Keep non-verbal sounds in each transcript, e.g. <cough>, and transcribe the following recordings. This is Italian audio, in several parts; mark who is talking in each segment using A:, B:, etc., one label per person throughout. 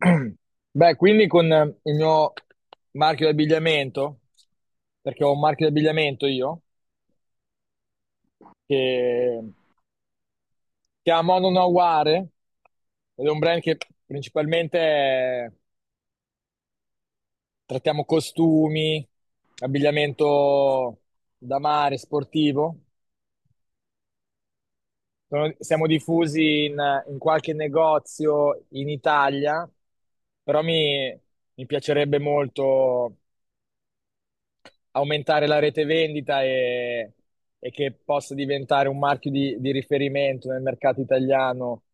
A: <clears throat> Beh, quindi con il mio marchio di abbigliamento, perché ho un marchio di abbigliamento io, che si chiama Mono Naware, ed è un brand che principalmente trattiamo costumi, abbigliamento da mare, sportivo. Siamo diffusi in qualche negozio in Italia, però mi mi piacerebbe molto aumentare la rete vendita e che possa diventare un marchio di riferimento nel mercato italiano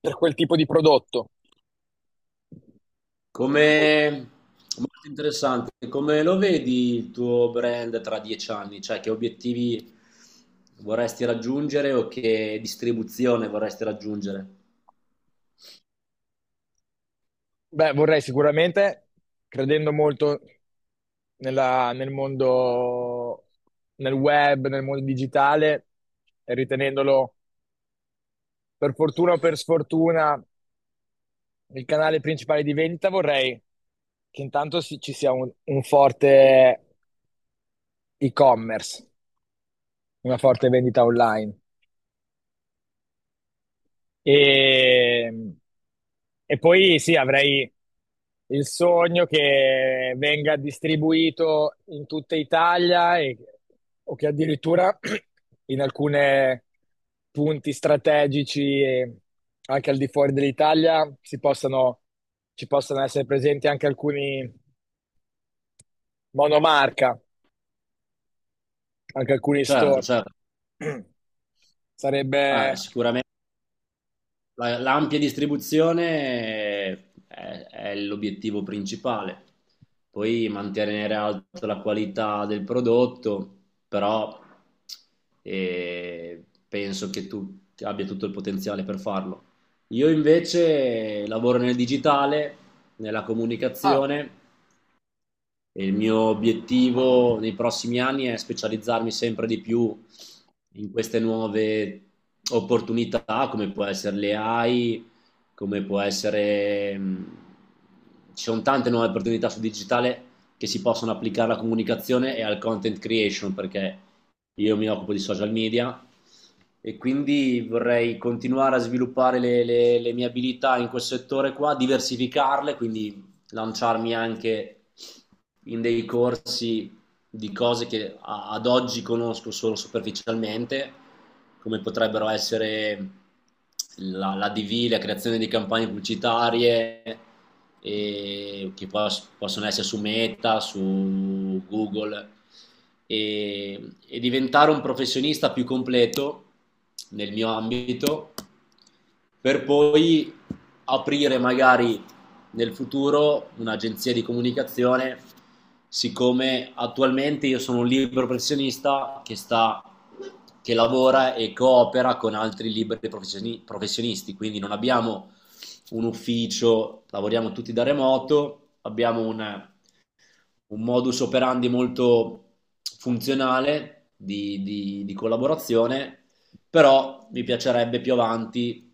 A: per quel tipo di prodotto.
B: Come... Molto interessante. Come lo vedi il tuo brand tra 10 anni? Cioè, che obiettivi vorresti raggiungere o che distribuzione vorresti raggiungere?
A: Beh, vorrei sicuramente, credendo molto nel mondo, nel web, nel mondo digitale, e ritenendolo per fortuna o per sfortuna il canale principale di vendita, vorrei che intanto ci sia un forte e-commerce, una forte vendita online. E, e poi sì, avrei il sogno che venga distribuito in tutta Italia o che addirittura <clears throat> in alcuni punti strategici e anche al di fuori dell'Italia si possano, ci possano essere presenti anche alcuni monomarca, anche alcuni
B: Certo,
A: store.
B: certo.
A: <clears throat>
B: Ah,
A: Sarebbe...
B: sicuramente l'ampia distribuzione è l'obiettivo principale, poi mantenere alta la qualità del prodotto, però penso che tu abbia tutto il potenziale per farlo. Io invece lavoro nel digitale, nella
A: Ah,
B: comunicazione e il mio obiettivo nei prossimi anni è specializzarmi sempre di più in queste nuove opportunità, come può essere le AI, come può essere... mh, Ci sono tante nuove opportunità sul digitale che si possono applicare alla comunicazione e al content creation, perché io mi occupo di social media e quindi vorrei continuare a sviluppare le mie abilità in quel settore qua, diversificarle, quindi lanciarmi anche in dei corsi di cose che ad oggi conosco solo superficialmente, come potrebbero essere la DV, la creazione di campagne pubblicitarie, che possono essere su Meta, su Google, e, e diventare un professionista più completo nel mio ambito, per poi aprire magari nel futuro un'agenzia di comunicazione, siccome attualmente io sono un libero professionista che lavora e coopera con altri liberi professionisti, quindi non abbiamo un ufficio, lavoriamo tutti da remoto, abbiamo un modus operandi molto funzionale di collaborazione, però mi piacerebbe più avanti,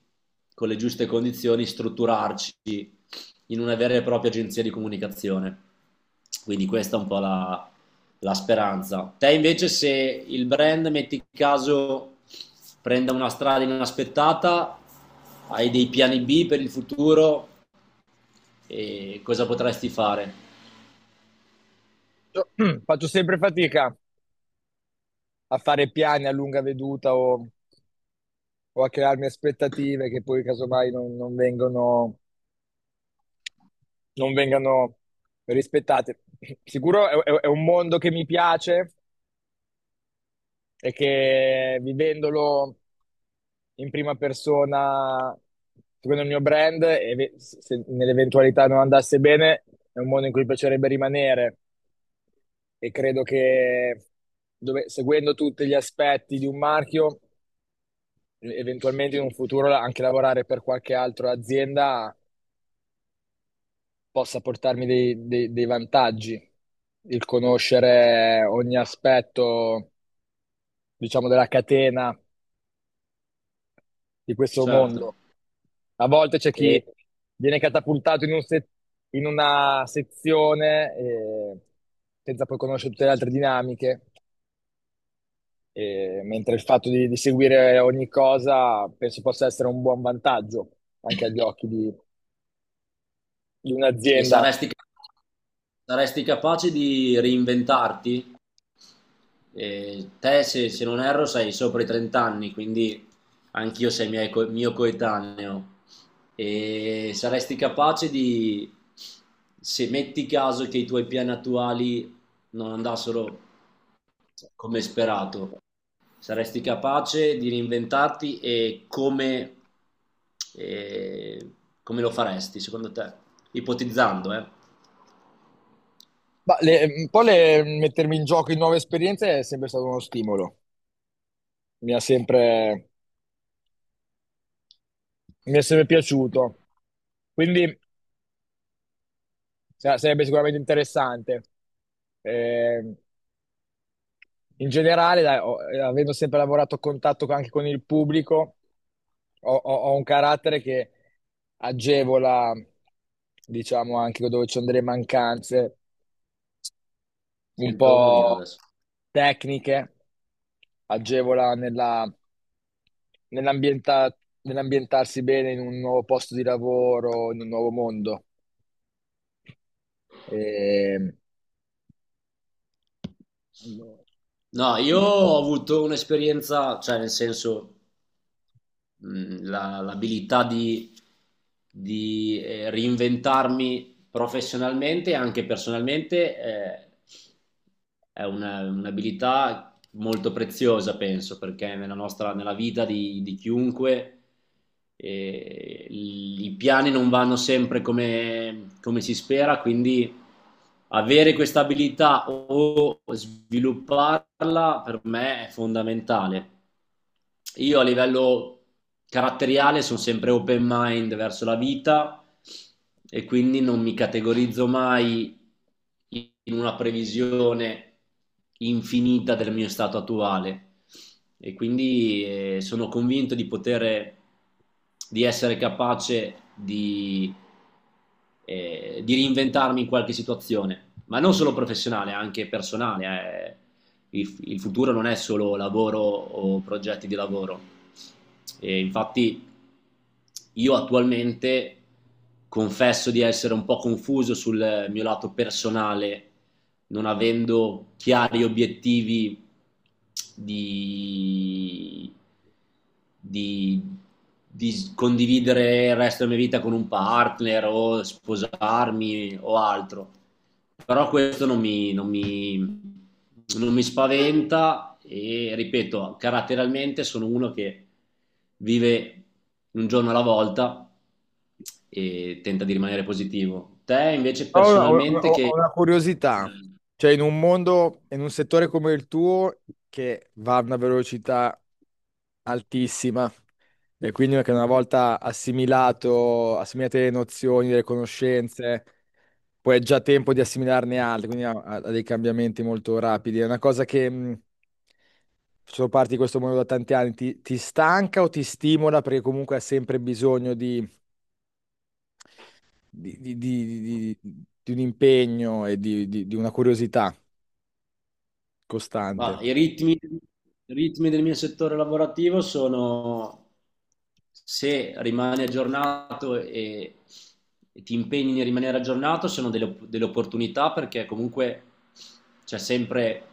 B: con le giuste condizioni, strutturarci in una vera e propria agenzia di comunicazione. Quindi questa è un po' la speranza. Te invece se il brand, metti caso, prenda una strada inaspettata, hai dei piani B per il futuro e cosa potresti fare?
A: <clears throat> faccio sempre fatica a fare piani a lunga veduta o a crearmi aspettative che poi casomai non vengono, non vengano rispettate. Sicuro è è un mondo che mi piace e che vivendolo in prima persona, secondo il mio brand, e se nell'eventualità non andasse bene, è un mondo in cui piacerebbe rimanere e credo che seguendo tutti gli aspetti di un marchio, eventualmente in un futuro anche lavorare per qualche altra azienda possa portarmi dei dei vantaggi, il conoscere ogni aspetto, diciamo, della catena di questo
B: Certo.
A: mondo. A volte c'è chi
B: E
A: viene catapultato in un se- in una sezione, senza poi conoscere tutte le altre dinamiche, mentre il fatto di seguire ogni cosa penso possa essere un buon vantaggio anche agli occhi di
B: E
A: un'azienda.
B: saresti, saresti capace di reinventarti? Te, se non erro, sei sopra i 30 anni, quindi anch'io mio coetaneo. E saresti capace di, se metti caso che i tuoi piani attuali non andassero come sperato, saresti capace di reinventarti e come lo faresti, secondo te? Ipotizzando, eh?
A: Un po' mettermi in gioco in nuove esperienze è sempre stato uno stimolo. Mi ha sempre, mi è sempre piaciuto. Quindi sarebbe sicuramente interessante. Eh, In generale, dai, avendo sempre lavorato a contatto anche con il pubblico, ho un carattere che agevola, diciamo, anche dove ci sono delle mancanze un
B: Sempre Omolino
A: po'
B: adesso.
A: tecniche, agevola nella nell'ambienta- nell'ambientarsi bene in un nuovo posto di lavoro, in un nuovo mondo. Ehm, allora,
B: No, io ho avuto un'esperienza, cioè nel senso, l'abilità di reinventarmi professionalmente e anche personalmente, è un'abilità molto preziosa, penso, perché nella nostra, nella vita di chiunque i piani non vanno sempre come si spera, quindi avere questa abilità o svilupparla per me è fondamentale. Io a livello caratteriale sono sempre open mind verso la vita e quindi non mi categorizzo mai in una previsione infinita del mio stato attuale e quindi sono convinto di poter di essere capace di reinventarmi in qualche situazione, ma non solo professionale, anche personale. Eh. Il futuro non è solo lavoro o progetti di lavoro. E infatti io attualmente confesso di essere un po' confuso sul mio lato personale non avendo chiari obiettivi di, di, di condividere il resto della mia vita con un partner o sposarmi o altro. Però questo non mi spaventa e ripeto, caratterialmente sono uno che vive un giorno alla volta e tenta di rimanere positivo. Te invece
A: però
B: personalmente che...
A: ho una curiosità, cioè in un mondo, in un settore come il tuo, che va a una velocità altissima, e quindi che una volta assimilato, assimilate le nozioni, le conoscenze, poi è già tempo di assimilarne altre, quindi ha dei cambiamenti molto rapidi. È una cosa che, sono parte di questo mondo da tanti anni, ti stanca o ti stimola perché comunque hai sempre bisogno di, di- di- di- di un impegno e di una curiosità
B: Ma
A: costante.
B: i ritmi del mio settore lavorativo sono se rimani aggiornato e ti impegni nel rimanere aggiornato, sono delle opportunità perché comunque c'è sempre,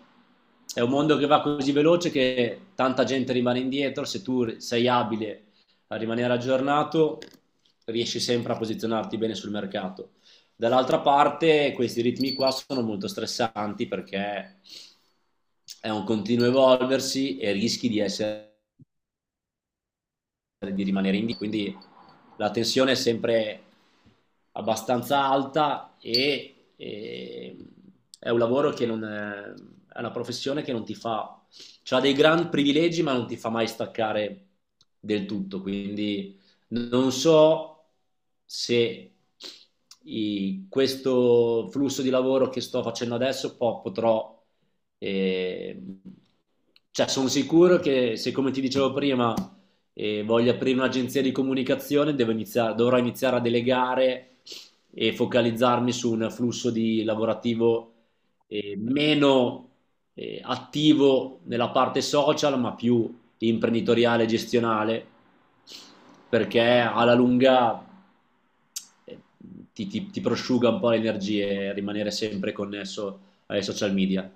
B: è un mondo che va così veloce che tanta gente rimane indietro, se tu sei abile a rimanere aggiornato riesci sempre a posizionarti bene sul mercato. Dall'altra parte questi ritmi qua sono molto stressanti perché è un continuo evolversi e rischi di rimanere indie, quindi la tensione è sempre abbastanza alta e è un lavoro che non è, è una professione che non ti fa, ha dei gran privilegi ma non ti fa mai staccare del tutto, quindi non so se questo flusso di lavoro che sto facendo adesso potrò, eh, cioè sono sicuro che se come ti dicevo prima e voglio aprire un'agenzia di comunicazione, dovrò iniziare a delegare e focalizzarmi su un flusso di lavorativo meno attivo nella parte social, ma più imprenditoriale e gestionale, perché alla lunga eh, ti prosciuga un po' le energie rimanere sempre connesso ai social media.